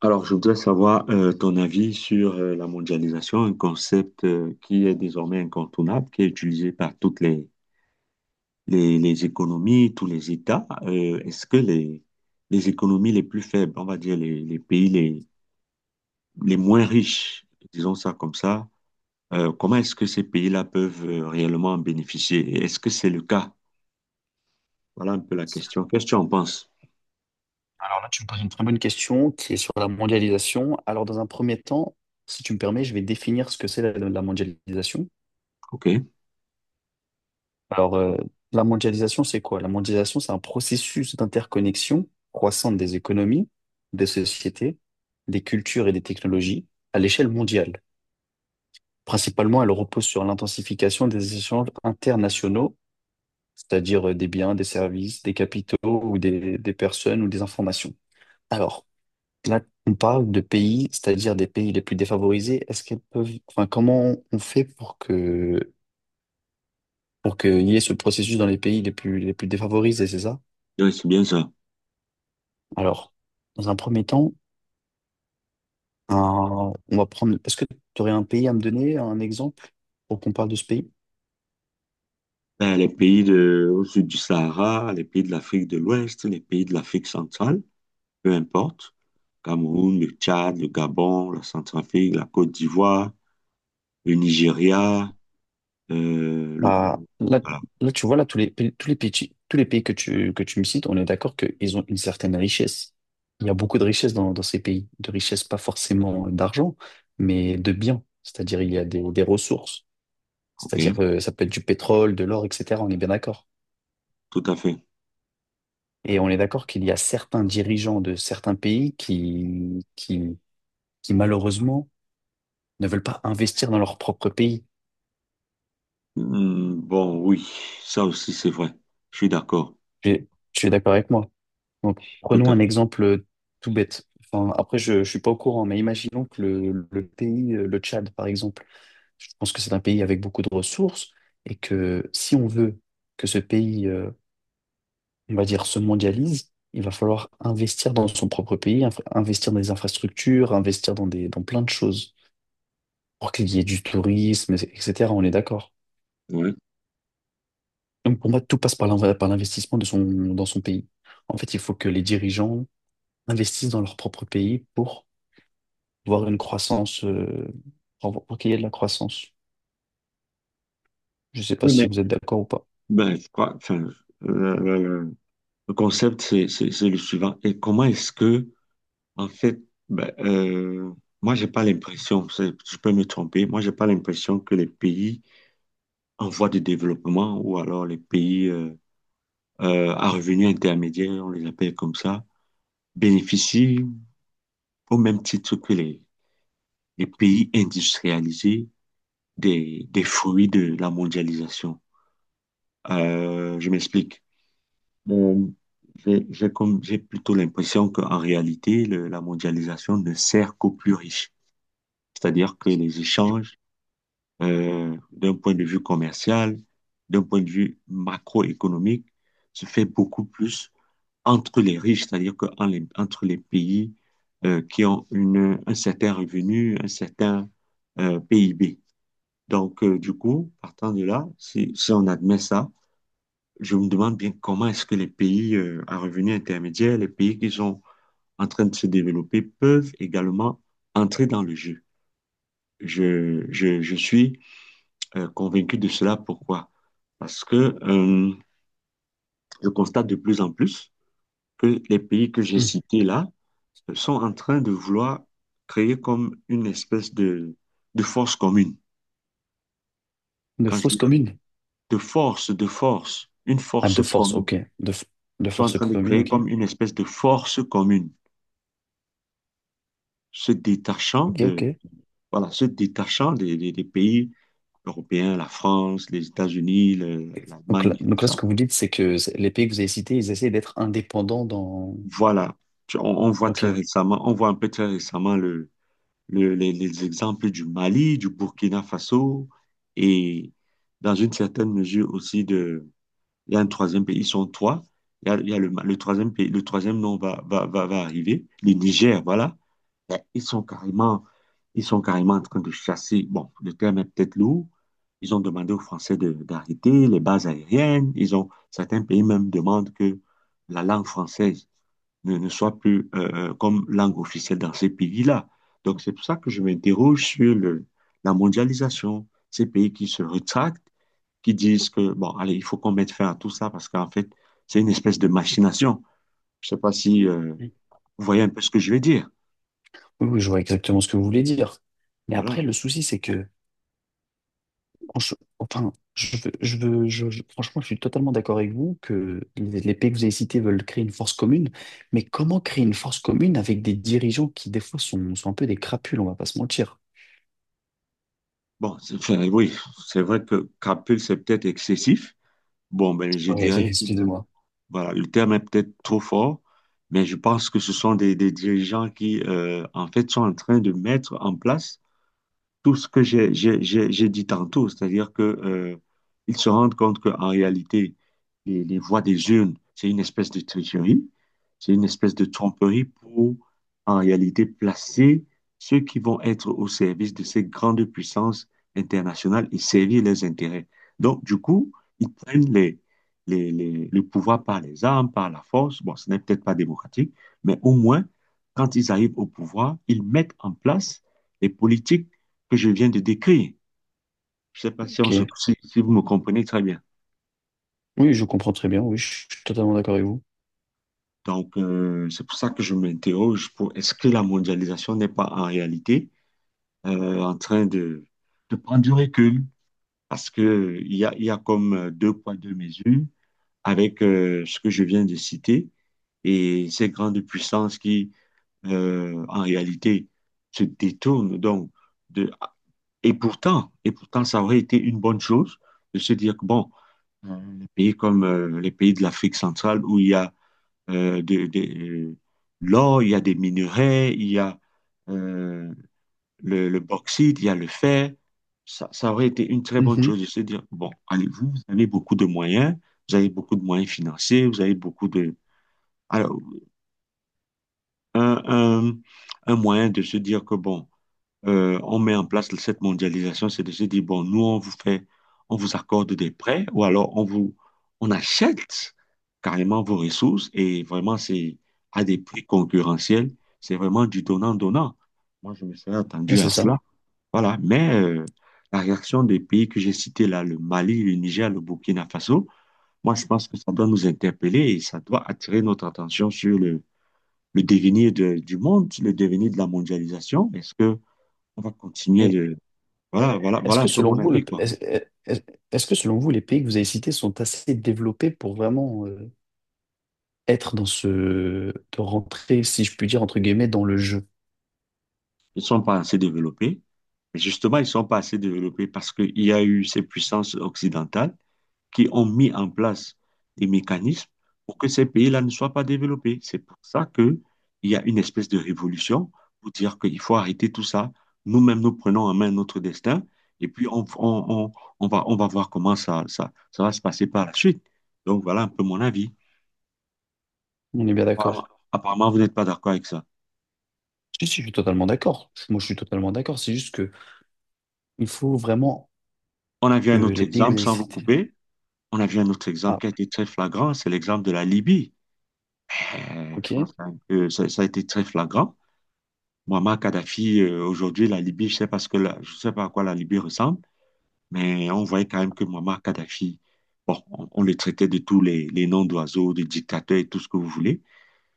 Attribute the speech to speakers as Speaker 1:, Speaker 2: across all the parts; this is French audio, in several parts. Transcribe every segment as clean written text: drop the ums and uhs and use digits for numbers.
Speaker 1: Alors, je voudrais savoir ton avis sur la mondialisation, un concept qui est désormais incontournable, qui est utilisé par toutes les économies, tous les États. Est-ce que les économies les plus faibles, on va dire les pays les moins riches, disons ça comme ça, comment est-ce que ces pays-là peuvent réellement en bénéficier? Et est-ce que c'est le cas? Voilà un peu la question. Qu'est-ce que tu en penses?
Speaker 2: Alors là, tu me poses une très bonne question qui est sur la mondialisation. Alors, dans un premier temps, si tu me permets, je vais définir ce que c'est la mondialisation.
Speaker 1: OK.
Speaker 2: Alors, la mondialisation, c'est quoi? La mondialisation, c'est un processus d'interconnexion croissante des économies, des sociétés, des cultures et des technologies à l'échelle mondiale. Principalement, elle repose sur l'intensification des échanges internationaux, c'est-à-dire des biens, des services, des capitaux ou des personnes ou des informations. Alors, là, on parle de pays, c'est-à-dire des pays les plus défavorisés. Est-ce qu'elles peuvent, enfin, comment on fait pour que, pour qu'il y ait ce processus dans les pays les plus défavorisés, c'est ça?
Speaker 1: Oui, c'est bien ça.
Speaker 2: Alors, dans un premier temps, on va prendre, est-ce que tu aurais un pays à me donner, un exemple pour qu'on parle de ce pays?
Speaker 1: Ben, les pays de, au sud du Sahara, les pays de l'Afrique de l'Ouest, les pays de l'Afrique centrale, peu importe. Cameroun, le Tchad, le Gabon, la Centrafrique, la Côte d'Ivoire, le Nigeria, euh, le...
Speaker 2: Bah, là,
Speaker 1: Voilà,
Speaker 2: tu vois, là, tous les pays que tu me cites, on est d'accord qu'ils ont une certaine richesse. Il y a beaucoup de richesse dans ces pays, de richesse pas forcément d'argent, mais de biens. C'est-à-dire, il y a des ressources.
Speaker 1: ok,
Speaker 2: C'est-à-dire, ça peut être du pétrole, de l'or, etc. On est bien d'accord.
Speaker 1: tout à fait.
Speaker 2: Et on est d'accord qu'il y a certains dirigeants de certains pays qui malheureusement ne veulent pas investir dans leur propre pays.
Speaker 1: Hmm, bon, oui, ça aussi c'est vrai. Je suis d'accord,
Speaker 2: Tu es d'accord avec moi? Donc,
Speaker 1: tout
Speaker 2: prenons
Speaker 1: à
Speaker 2: un
Speaker 1: fait.
Speaker 2: exemple tout bête. Enfin, après, je ne suis pas au courant, mais imaginons que le pays, le Tchad, par exemple, je pense que c'est un pays avec beaucoup de ressources et que si on veut que ce pays, on va dire, se mondialise, il va falloir investir dans son propre pays, investir dans des infrastructures, investir dans plein de choses pour qu'il y ait du tourisme, etc. On est d'accord.
Speaker 1: Ouais.
Speaker 2: Donc pour moi, tout passe par par l'investissement de son, dans son pays. En fait, il faut que les dirigeants investissent dans leur propre pays pour voir une croissance, pour qu'il y ait de la croissance. Je ne sais pas
Speaker 1: Oui,
Speaker 2: si
Speaker 1: mais
Speaker 2: vous êtes d'accord ou pas.
Speaker 1: ben, je crois, enfin, le, le- le- le concept c'est le suivant. Et comment est-ce que... En fait, ben, moi, j'ai pas l'impression, je peux me tromper, moi, j'ai pas l'impression que les pays en voie de développement ou alors les pays à revenus intermédiaires, on les appelle comme ça, bénéficient au même titre que les pays industrialisés des fruits de la mondialisation. Je m'explique. Bon, j'ai plutôt l'impression qu'en réalité, la mondialisation ne sert qu'aux plus riches. C'est-à-dire que les échanges d'un point de vue commercial, d'un point de vue macroéconomique, se fait beaucoup plus entre les riches, c'est-à-dire que entre les pays qui ont un certain revenu, un certain PIB. Donc, du coup, partant de là, si on admet ça, je me demande bien comment est-ce que les pays à revenus intermédiaires, les pays qui sont en train de se développer, peuvent également entrer dans le jeu. Je suis convaincu de cela. Pourquoi? Parce que je constate de plus en plus que les pays que j'ai
Speaker 2: Hmm.
Speaker 1: cités là sont en train de vouloir créer comme une espèce de force commune.
Speaker 2: De
Speaker 1: Quand je
Speaker 2: fausses
Speaker 1: dis
Speaker 2: communes.
Speaker 1: une
Speaker 2: Ah,
Speaker 1: force
Speaker 2: de force,
Speaker 1: commune.
Speaker 2: ok. De
Speaker 1: Sont en
Speaker 2: force
Speaker 1: train de
Speaker 2: commune,
Speaker 1: créer
Speaker 2: ok.
Speaker 1: comme une espèce de force commune, se détachant
Speaker 2: Ok,
Speaker 1: de,
Speaker 2: ok.
Speaker 1: voilà, se détachant des pays européens, la France, les États-Unis, l'Allemagne et tout
Speaker 2: Donc là, ce
Speaker 1: ça.
Speaker 2: que vous dites, c'est que les pays que vous avez cités, ils essaient d'être indépendants dans...
Speaker 1: Voilà, on voit très
Speaker 2: Ok.
Speaker 1: récemment, on voit un peu très récemment le, les exemples du Mali, du Burkina Faso et dans une certaine mesure aussi de, il y a un troisième pays, ils sont trois. Il y a le troisième pays, le troisième nom va arriver, le Niger, voilà. Ben, ils sont carrément, ils sont carrément en train de chasser. Bon, le terme est peut-être lourd. Ils ont demandé aux Français d'arrêter les bases aériennes. Ils ont, certains pays même demandent que la langue française ne soit plus comme langue officielle dans ces pays-là. Donc, c'est pour ça que je m'interroge sur le, la mondialisation, ces pays qui se rétractent, qui disent que, bon, allez, il faut qu'on mette fin à tout ça parce qu'en fait, c'est une espèce de machination. Je sais pas si
Speaker 2: Oui,
Speaker 1: vous voyez un peu ce que je veux dire.
Speaker 2: oui, je vois exactement ce que vous voulez dire. Mais après,
Speaker 1: Voilà.
Speaker 2: le souci, c'est que... en Enfin, je veux, je veux, je- franchement, je suis totalement d'accord avec vous que les pays que vous avez cités veulent créer une force commune. Mais comment créer une force commune avec des dirigeants qui, des fois, sont un peu des crapules, on va pas se mentir.
Speaker 1: Bon, enfin, oui, c'est vrai que capule, c'est peut-être excessif. Bon, ben, je
Speaker 2: Oui,
Speaker 1: dirais que
Speaker 2: excusez-moi.
Speaker 1: voilà, le terme est peut-être trop fort, mais je pense que ce sont des dirigeants qui, en fait, sont en train de mettre en place tout ce que j'ai dit tantôt, c'est-à-dire que ils se rendent compte qu'en réalité, les voix des urnes, c'est une espèce de tricherie, c'est une espèce de tromperie pour, en réalité, placer ceux qui vont être au service de ces grandes puissances internationales et servir leurs intérêts. Donc, du coup, ils prennent le pouvoir par les armes, par la force. Bon, ce n'est peut-être pas démocratique, mais au moins, quand ils arrivent au pouvoir, ils mettent en place les politiques que je viens de décrire. Je ne sais pas si,
Speaker 2: Ok.
Speaker 1: si, si vous me comprenez très bien.
Speaker 2: Oui, je comprends très bien. Oui, je suis totalement d'accord avec vous.
Speaker 1: Donc, c'est pour ça que je m'interroge pour est-ce que la mondialisation n'est pas en réalité en train de prendre du recul? Parce que il y a comme deux poids, deux mesures avec ce que je viens de citer et ces grandes puissances qui, en réalité, se détournent. Donc, de, et pourtant, ça aurait été une bonne chose de se dire que, bon, les pays comme les pays de l'Afrique centrale où il y a euh, de, de- euh, l'or, il y a des minerais, il y a euh, le bauxite, il y a le fer. Ça aurait été une très bonne
Speaker 2: Mhm.
Speaker 1: chose de se dire, bon, allez-vous, vous avez beaucoup de moyens, vous avez beaucoup de moyens financiers, vous avez beaucoup de... Alors, un, un, un moyen de se dire que, bon, on met en place cette mondialisation, c'est de se dire, bon, nous, on vous fait, on vous accorde des prêts ou alors on vous, on achète carrément vos ressources et vraiment, c'est à des prix concurrentiels. C'est vraiment du donnant-donnant. Moi, je me serais
Speaker 2: Ouais,
Speaker 1: attendu
Speaker 2: c'est
Speaker 1: à
Speaker 2: ça.
Speaker 1: cela. Voilà. Mais la réaction des pays que j'ai cités là, le Mali, le Niger, le Burkina Faso, moi, je pense que ça doit nous interpeller et ça doit attirer notre attention sur le devenir du monde, le devenir de la mondialisation. Est-ce que on va continuer
Speaker 2: Mais
Speaker 1: de, voilà, voilà,
Speaker 2: Est-ce
Speaker 1: voilà un
Speaker 2: que
Speaker 1: peu
Speaker 2: selon
Speaker 1: mon
Speaker 2: vous,
Speaker 1: avis, quoi.
Speaker 2: est- est-ce que selon vous, les pays que vous avez cités sont assez développés pour vraiment être dans ce, de rentrer, si je puis dire, entre guillemets, dans le jeu?
Speaker 1: Ils ne sont pas assez développés. Mais justement, ils ne sont pas assez développés parce qu'il y a eu ces puissances occidentales qui ont mis en place des mécanismes pour que ces pays-là ne soient pas développés. C'est pour ça qu'il y a une espèce de révolution pour dire qu'il faut arrêter tout ça. Nous-mêmes, nous prenons en main notre destin et puis on va, on va voir comment ça va se passer par la suite. Donc voilà un peu mon avis.
Speaker 2: On est bien
Speaker 1: Apparemment,
Speaker 2: d'accord.
Speaker 1: apparemment vous n'êtes pas d'accord avec ça.
Speaker 2: Si, si, je suis totalement d'accord. Moi, je suis totalement d'accord. C'est juste que il faut vraiment
Speaker 1: On a vu
Speaker 2: que
Speaker 1: un autre
Speaker 2: les pays que vous
Speaker 1: exemple
Speaker 2: avez
Speaker 1: sans vous
Speaker 2: cités.
Speaker 1: couper. On a vu un autre
Speaker 2: Ah,
Speaker 1: exemple qui a été très flagrant, c'est l'exemple de la Libye. Eh, je pense
Speaker 2: ok.
Speaker 1: que ça a été très flagrant. Muammar Kadhafi, aujourd'hui, la Libye, je sais pas ce que je sais pas à quoi la Libye ressemble, mais on voyait quand même que Muammar Kadhafi, bon, on le traitait de tous les noms d'oiseaux, de dictateurs et tout ce que vous voulez,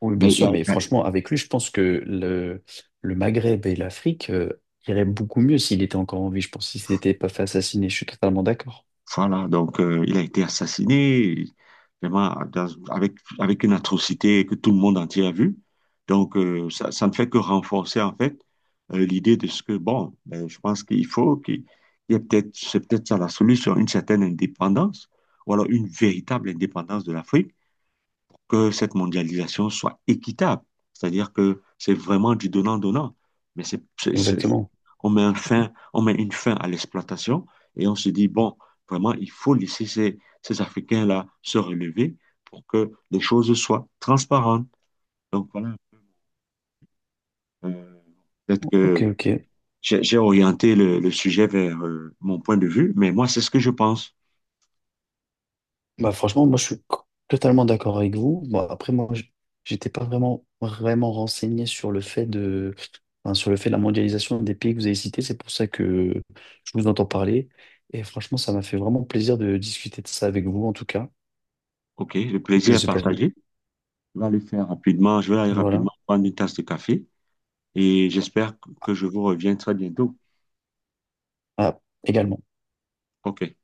Speaker 2: Oui, bien
Speaker 1: mais il y
Speaker 2: sûr,
Speaker 1: a,
Speaker 2: mais franchement, avec lui, je pense que le Maghreb et l'Afrique iraient beaucoup mieux s'il était encore en vie. Je pense s'il s'était pas fait assassiner. Je suis totalement d'accord.
Speaker 1: voilà, donc il a été assassiné vraiment avec, avec une atrocité que tout le monde entier a vue. Donc ça, ça ne fait que renforcer en fait l'idée de ce que, bon, ben, je pense qu'il faut qu'il il y ait peut-être, c'est peut-être ça la solution, une certaine indépendance, ou alors une véritable indépendance de l'Afrique pour que cette mondialisation soit équitable. C'est-à-dire que c'est vraiment du donnant-donnant, mais
Speaker 2: Exactement.
Speaker 1: on met un fin, on met une fin à l'exploitation et on se dit, bon, vraiment, il faut laisser ces Africains-là se relever pour que les choses soient transparentes. Donc voilà, euh, peut-être
Speaker 2: Ok,
Speaker 1: que
Speaker 2: ok.
Speaker 1: j'ai orienté le sujet vers mon point de vue, mais moi, c'est ce que je pense.
Speaker 2: Bah franchement, moi je suis totalement d'accord avec vous. Bon, après, j'étais pas vraiment renseigné sur le fait de, enfin, sur le fait de la mondialisation des pays que vous avez cités. C'est pour ça que je vous entends parler. Et franchement, ça m'a fait vraiment plaisir de discuter de ça avec vous, en tout cas.
Speaker 1: OK, le plaisir
Speaker 2: Je
Speaker 1: est
Speaker 2: sais pas vous.
Speaker 1: partagé. Je vais aller faire rapidement, je vais aller
Speaker 2: Et voilà.
Speaker 1: rapidement prendre une tasse de café et j'espère que je vous reviens très bientôt.
Speaker 2: Ah, également.
Speaker 1: OK.